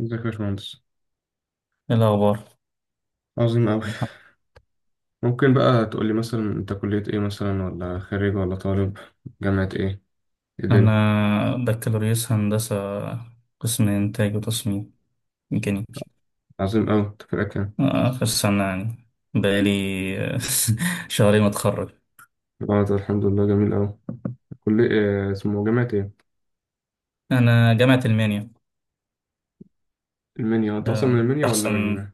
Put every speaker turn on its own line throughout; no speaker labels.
ازيك يا باشمهندس.
إيه الأخبار؟
عظيم أوي. ممكن بقى تقولي مثلا أنت كلية إيه مثلا، ولا خريج ولا طالب؟ جامعة إيه؟ إيه الدنيا؟
أنا بكالوريوس هندسة، قسم إنتاج وتصميم ميكانيكي.
عظيم أوي. أنت فرقك كام؟
آخر سنة يعني. بقالي شهرين متخرج.
اه، ده الحمد لله جميل أوي. كلية إيه اسمه؟ جامعة إيه؟
أنا جامعة ألمانيا.
المنيا؟ أنت أصلا من
آه،
المنيا ولا
أحسن.
من...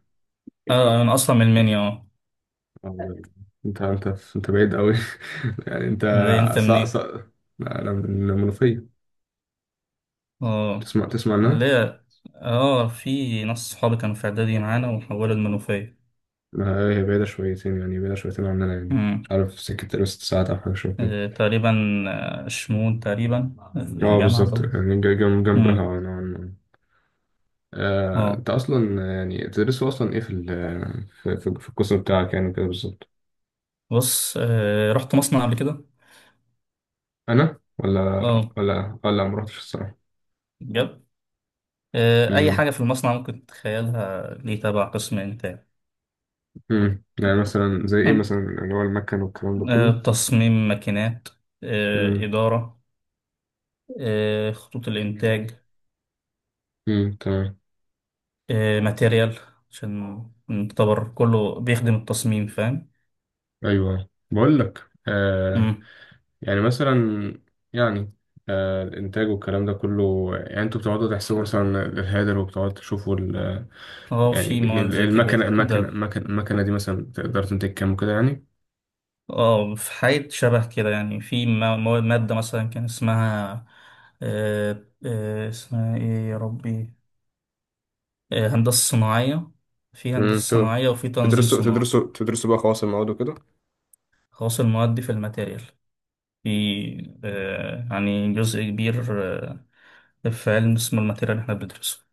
آه، أنا أصلا من ألمانيا
أو- أنت أنت أنت بعيد أوي. يعني أنت،
ليه أنت
صا
منين؟
صا لا، أنا من المنوفية.
أه.
تسمع عنها؟
ليه؟ في ناس صحابي كانوا في إعدادي معانا وحولوا المنوفية.
لا، هي بعيدة شويتين، يعني بعيدة شويتين عننا يعني.
مم.
مش عارف، سكة 6 ساعات أو حاجة شوية كده.
آه، تقريبا. آه، شمون تقريبا
اه،
الجامعة
بالظبط.
ده.
يعني جنبها
مم.
نوعا ما.
أه
انت اصلا يعني تدرسوا اصلا ايه في القسم بتاعك يعني، كده بالظبط.
بص، رحت مصنع قبل كده.
انا ولا،
اه،
ولا ما رحتش الصراحه.
بجد. اي
امم
حاجه في المصنع ممكن تتخيلها، ليه تبع قسم انتاج.
يعني مثلا زي ايه
آه.
مثلا، اللي هو المكن والكلام ده كله.
آه، تصميم ماكينات. آه،
امم
اداره. آه، خطوط الانتاج.
تمام.
آه، ماتيريال، عشان نعتبر كله بيخدم التصميم، فاهم.
ايوه، بقول لك
مم.
يعني مثلا، يعني، الانتاج والكلام ده كله. يعني انتوا بتقعدوا تحسبوا مثلا الهيدر، وبتقعدوا تشوفوا ال-،
اه،
يعني
في مواد زي كده
المكنه المكنه
ده.
المكنه المكنه دي مثلا تقدر تنتج كام وكده يعني.
اه، في حاجة شبه كده، يعني في مادة مثلا كان اسمها، اسمها ايه يا ربي؟ آه، هندسة صناعية. في هندسة
امم
صناعية وفي تنظيم
تدرسوا
صناعي.
تدرسوا تدرسوا بقى خواص المواد وكده.
خاص المواد في الماتيريال، في، آه، يعني جزء كبير. آه، في علم اسمه الماتيريال اللي احنا بندرسه،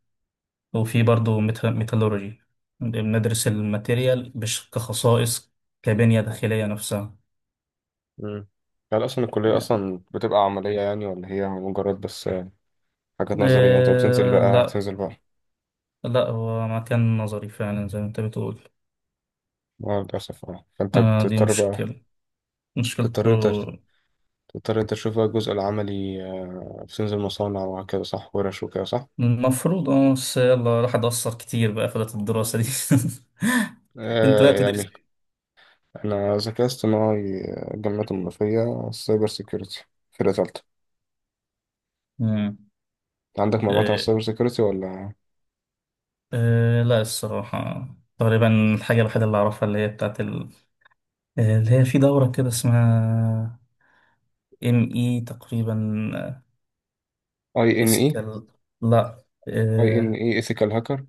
وفي برضه ميتالورجي. بندرس الماتيريال مش كخصائص، كبنية داخلية نفسها.
مم. هل أصلا الكلية
يعني،
أصلا بتبقى عملية يعني، ولا هي مجرد بس، حاجات نظرية؟ أنت بتنزل
آه،
بقى
لا.
تنزل بقى
لا، هو مكان نظري فعلا زي ما انت بتقول.
مع للأسف. فأنت
آه، دي
بتضطر بقى،
مشكلة، مشكلته.
تضطر أنت تضطر أنت تشوف بقى الجزء العملي، بتنزل مصانع وهكذا، صح؟ ورش وكده، صح؟
المفروض اه، بس يلا راح اتأثر كتير بقى في فترة الدراسة دي. انت بقى بتدرس
يعني
ايه؟
أنا ذكاء اصطناعي، الجامعات المنوفية سايبر سيكيورتي، فرقة تالتة.
مم.
عندك معلومات عن
آه،
السايبر سيكيورتي ولا؟
آه، لا الصراحة، تقريبا الحاجة الوحيدة اللي أعرفها، اللي هي بتاعت ال... آه، اللي هي في دورة كده اسمها ام اي تقريبا. آه،
أي إن إي.
اسكال، لا،
أي إن
آه،
إي إيثيكال هاكر.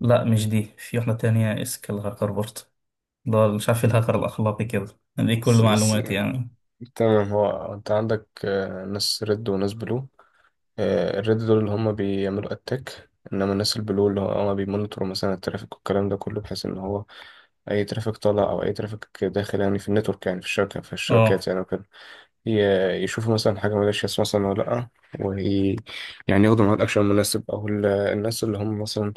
لا مش دي، في واحدة تانية اسكال هاكر برضه. لا، مش عارف إيه، الهاكر الأخلاقي كده. دي كل معلوماتي يعني.
تمام. هو انت عندك، ناس ريد وناس بلو. الريد دول اللي هم بيعملوا اتاك، انما الناس البلو اللي هم بيمونيتوروا مثلا الترافيك والكلام ده كله، بحيث ان هو اي ترافيك طالع او اي ترافيك داخل، يعني في النتورك، يعني في الشبكه، في الشبكات
اه.
يعني وكده، يشوفوا مثلا حاجه مالهاش مثلا ولا لا، وي يعني ياخدوا معاها الاكشن المناسب، او الناس اللي هم مثلا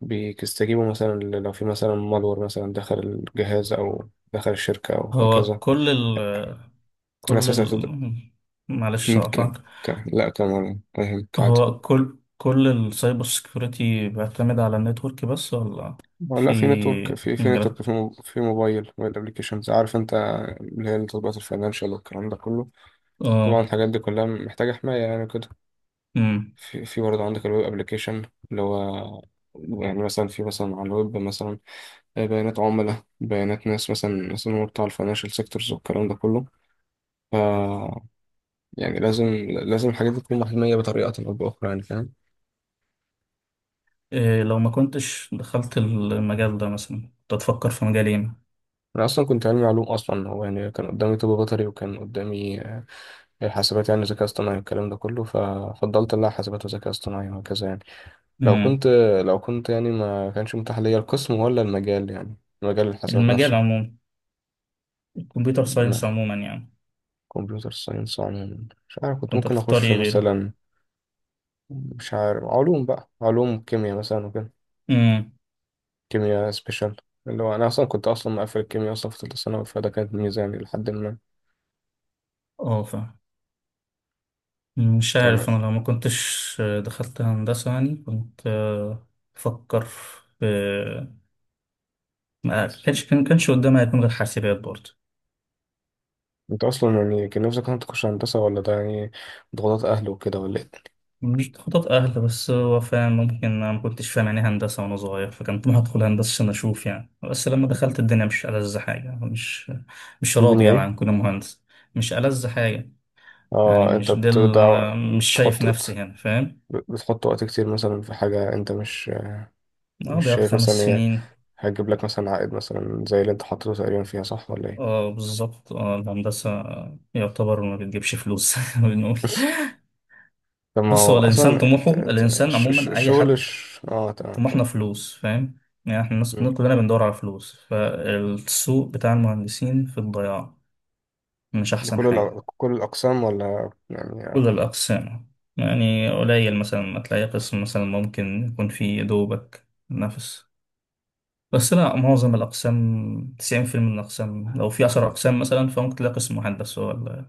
بيستجيبوا مثلا، لو في مثلا مالور مثلا دخل الجهاز او دخل الشركه او
هو
هكذا.
كل ال
الناس
كل
مثلا
ال معلش
ممكن،
اقطعك.
لا كمان، فاهمك عادي.
هو كل السايبر سيكيورتي بيعتمد على النتورك بس، ولا في
لا، في نتورك، في في
مجالات؟
نتورك، في موبايل ابلكيشنز، عارف انت، اللي هي التطبيقات الفاينانشال والكلام ده كله. طبعا
اه.
الحاجات دي كلها محتاجة حماية يعني كده.
امم.
في برضه عندك الويب ابلكيشن، اللي هو يعني مثلا، في مثلا على الويب مثلا، بيانات عملاء، بيانات ناس مثلا هو بتاع الفاينانشال سيكتورز والكلام ده كله. ف، يعني لازم، الحاجات دي تكون محمية بطريقة أو بأخرى، يعني فاهم؟
إيه لو ما كنتش دخلت المجال ده مثلا، كنت هتفكر في مجال ايه؟
انا اصلا كنت علمي علوم، اصلا هو يعني كان قدامي طب بيطري، وكان قدامي حاسبات يعني، ذكاء اصطناعي والكلام ده كله، ففضلت لا، حاسبات وذكاء اصطناعي وهكذا يعني. لو
امم.
كنت لو كنت يعني ما كانش متاح ليا القسم ولا المجال، يعني مجال الحاسبات
المجال
نفسه.
عموما، الكمبيوتر ساينس
ما
عموما يعني.
كمبيوتر ساينس عموما، مش عارف كنت
كنت
ممكن
هتختار
اخش
ايه غيره؟
مثلا، مش عارف، علوم بقى، علوم كيمياء مثلا وكده،
امم.
كيمياء سبيشال، اللي هو انا اصلا كنت اصلا مقفل الكيمياء اصلا في ثالثه ثانوي، فده كانت ميزه يعني لحد ما...
اه، فاهم. مش
تمام.
عارف، انا لو ما كنتش دخلت هندسة يعني كنت، آه، بفكر في، ما كانش قدامي هيكون غير حاسبات برضه.
انت اصلا يعني كان نفسك انت تخش هندسه، ولا ده يعني ضغوطات اهل وكده، ولا ايه؟
مش خطط اهل، بس هو فعلا ممكن انا ما كنتش فاهم يعني إيه هندسة وانا صغير، فكان طموحي ادخل هندسة عشان اشوف يعني. بس لما دخلت الدنيا، مش ألذ حاجة. مش راضي
الدنيا
يعني
ايه؟
عن كون مهندس. مش ألذ حاجة، يعني
اه، انت
مش ده
بتبدأ،
اللي انا، مش شايف
بتحط
نفسي
وقت-
هنا، فاهم.
بتحط وقت كتير مثلا في حاجه انت مش،
اه،
مش
ضيعت
شايف
خمس
مثلا هي
سنين.
هتجيب لك مثلا عائد مثلا زي اللي انت حاطه تقريبا فيها، صح ولا ايه؟
اه، بالظبط. اه الهندسة يعتبر ما بتجيبش فلوس بنقول.
طب ما
بص،
هو
هو الإنسان،
اصلا،
طموحه
انت
الإنسان عموما أي
الشغل
حد،
تمام،
طموحنا
كان
فلوس، فاهم. يعني احنا الناس كلنا بندور على فلوس، فالسوق بتاع المهندسين في الضياع، مش أحسن
لكل
حاجة.
كل الاقسام ولا يعني؟
كل الأقسام. يعني قليل مثلا ما تلاقي قسم مثلا ممكن يكون فيه دوبك نفس. بس لا، معظم الأقسام، 90% من الأقسام، لو في 10 أقسام مثلا فممكن تلاقي قسم واحد بس هو اللي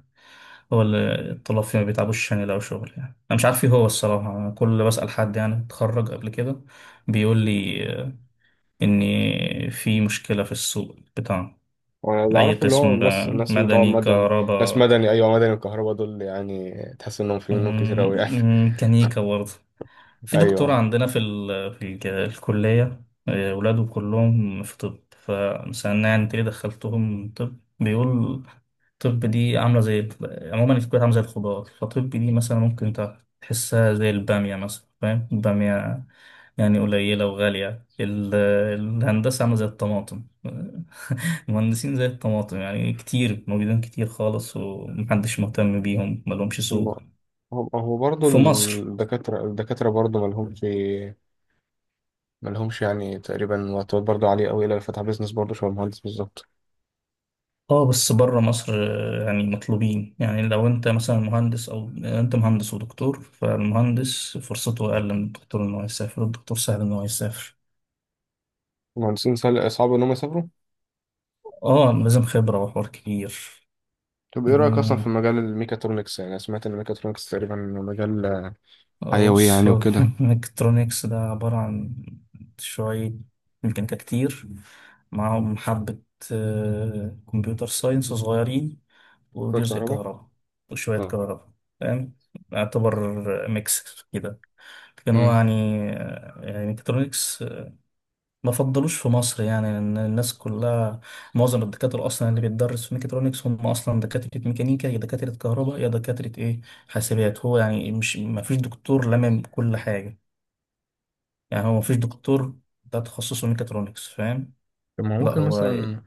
هو اللي الطلاب فيه ما بيتعبوش عشان يلاقوا شغل يعني. أنا مش عارف إيه هو الصراحة. أنا كل اللي بسأل حد يعني اتخرج قبل كده بيقول لي، آه، إن في مشكلة في السوق بتاعنا.
وانا اللي
أي
اعرفه اللي هو
قسم
الناس
بقى،
الناس بتوع
مدني،
مدني، ناس
كهرباء.
مدني، ايوه، مدني وكهرباء، دول يعني تحس انهم في منهم كتير قوي يعني.
مم، ميكانيكا برضه. في دكتور
ايوه.
عندنا في ال... في الكلية، آه، ولاده كلهم في طب، فمثلا يعني انت ليه دخلتهم طب؟ بيقول: طب دي عاملة زي عموما الكلية عاملة زي الخضار، فطب دي مثلا ممكن انت تحسها زي البامية مثلا، فاهم، البامية يعني قليلة وغالية. ال... الهندسة عاملة زي الطماطم المهندسين زي الطماطم، يعني كتير موجودين، كتير خالص، ومحدش مهتم بيهم، ملهمش
هم
سوق
هم هو برضه
في مصر.
الدكاترة، برضه مالهمش، يعني تقريبا، وقتات برضه عالية أوي، إلا اللي فتح بيزنس برضه شبه المهندس بالظبط.
اه، بس بره مصر آه، يعني مطلوبين، يعني لو انت مثلا مهندس، او انت مهندس ودكتور، فالمهندس فرصته اقل من الدكتور ان هو يسافر، الدكتور سهل ان هو يسافر.
المهندسين صعب إن هم يسافروا.
اه، لازم خبرة وحوار كبير.
طب إيه رأيك أصلا في
مم.
مجال الميكاترونكس، يعني أنا سمعت إن الميكاترونكس تقريبا مجال
اه،
حيوي
بص
يعني
هو
وكده.
الالكترونيكس ده عبارة عن شوية ميكانيكا كتير، معاهم حبة آه، كمبيوتر ساينس صغيرين،
شوية
وجزء
كهرباء.
كهرباء، وشوية
اه.
كهرباء، فاهم، يعتبر ميكس كده. كان هو
امم.
يعني، يعني ميكاترونكس ما فضلوش في مصر، يعني لأن الناس كلها، معظم الدكاترة أصلا اللي بيتدرس في ميكاترونكس هم أصلا دكاترة ميكانيكا، يا دكاترة كهرباء، يا دكاترة إيه، حاسبات. هو يعني مش، ما فيش دكتور لمم كل حاجة، يعني هو ما فيش دكتور ده تخصصه ميكاترونكس، فاهم.
طب ما
لا، هو،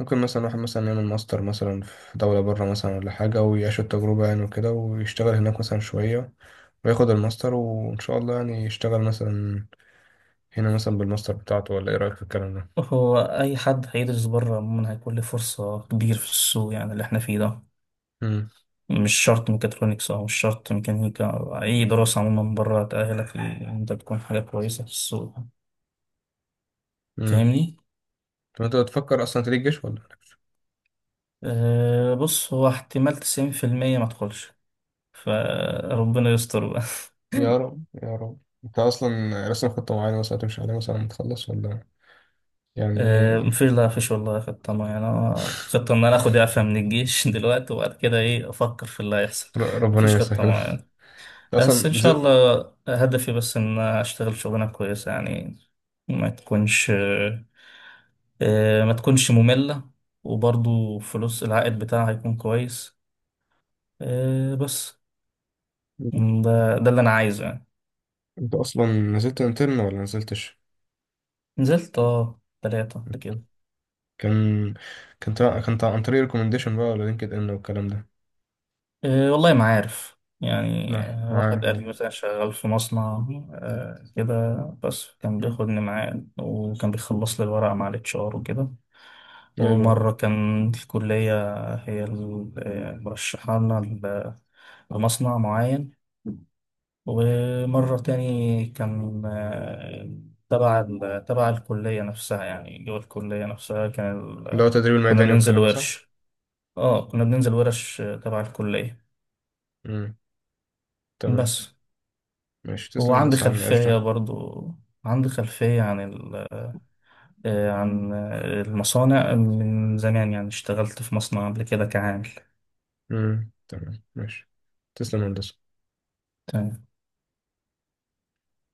ممكن مثلا واحد مثلا يعمل ماستر مثلا في دولة بره مثلا ولا حاجة، ويعيش التجربة يعني وكده، ويشتغل هناك مثلا شوية، وياخد الماستر، وإن شاء الله يعني يشتغل مثلا هنا مثلا بالماستر بتاعته، ولا ايه رأيك في الكلام ده؟
هو أي حد هيدرس بره عموما هيكون له فرصة كبيرة في السوق يعني، اللي احنا فيه ده.
امم.
مش شرط ميكاترونكس، أو مش شرط ميكانيكا، أو أي دراسة عموما بره تأهلك إن أنت تكون حاجة كويسة في السوق.
امم
فاهمني؟
طب انت بتفكر اصلا تريد جيش ولا لأ؟
أه، بص، هو احتمال 90% ما تدخلش، فربنا يستر بقى
يا رب، يا رب. انت اصلا راسم خطة معينة مثلا هتمشي عليها مثلا لما تخلص، ولا يعني
أه،
ايه؟
مفيش، لا مفيش والله خطة معينة. أنا خطة إن أنا آخد إعفاء من الجيش دلوقتي، وبعد كده إيه أفكر في اللي هيحصل.
ربنا
مفيش خطة
يسهل.
معينة، بس إن
اصلا
شاء
نزلت
الله هدفي بس إن أشتغل شغلانة كويسة، يعني ما تكونش، آه، ما تكونش مملة. وبرضو فلوس العائد بتاعها هيكون كويس، آه، بس. ده اللي أنا عايزه يعني.
انت اصلا نزلت انترن ولا نزلتش؟
نزلت اه، تلاتة قبل كده.
كان عن طريق ريكومنديشن بقى، ولا لينكد ان والكلام ده؟
آه، والله ما عارف يعني.
نعم،
آه،
ما
واحد
عارف
قال لي
انا.
مثلا شغال في مصنع، آه، كده، بس كان
مم.
بياخدني معاه وكان بيخلص لي الورق مع الاتش ار وكده.
ايوه.
ومرة كان الكلية هي مرشحانا لمصنع معين. ومرة تاني كان آه، تبع الكلية نفسها، يعني جوه الكلية نفسها كان
اللي هو
ال...
التدريب
كنا
الميداني
بننزل
والكلام ده، صح؟
ورش. اه، كنا بننزل ورش آه، تبع الكلية
امم، تمام
بس.
ماشي، تسلم يا
وعندي
هندسة على النقاش
خلفية
ده.
برضو، عندي خلفية عن ال... آه، عن آه، المصانع من زمان، يعني اشتغلت في مصنع قبل كده كعامل.
امم، تمام ماشي، تسلم يا هندسة.
تمام.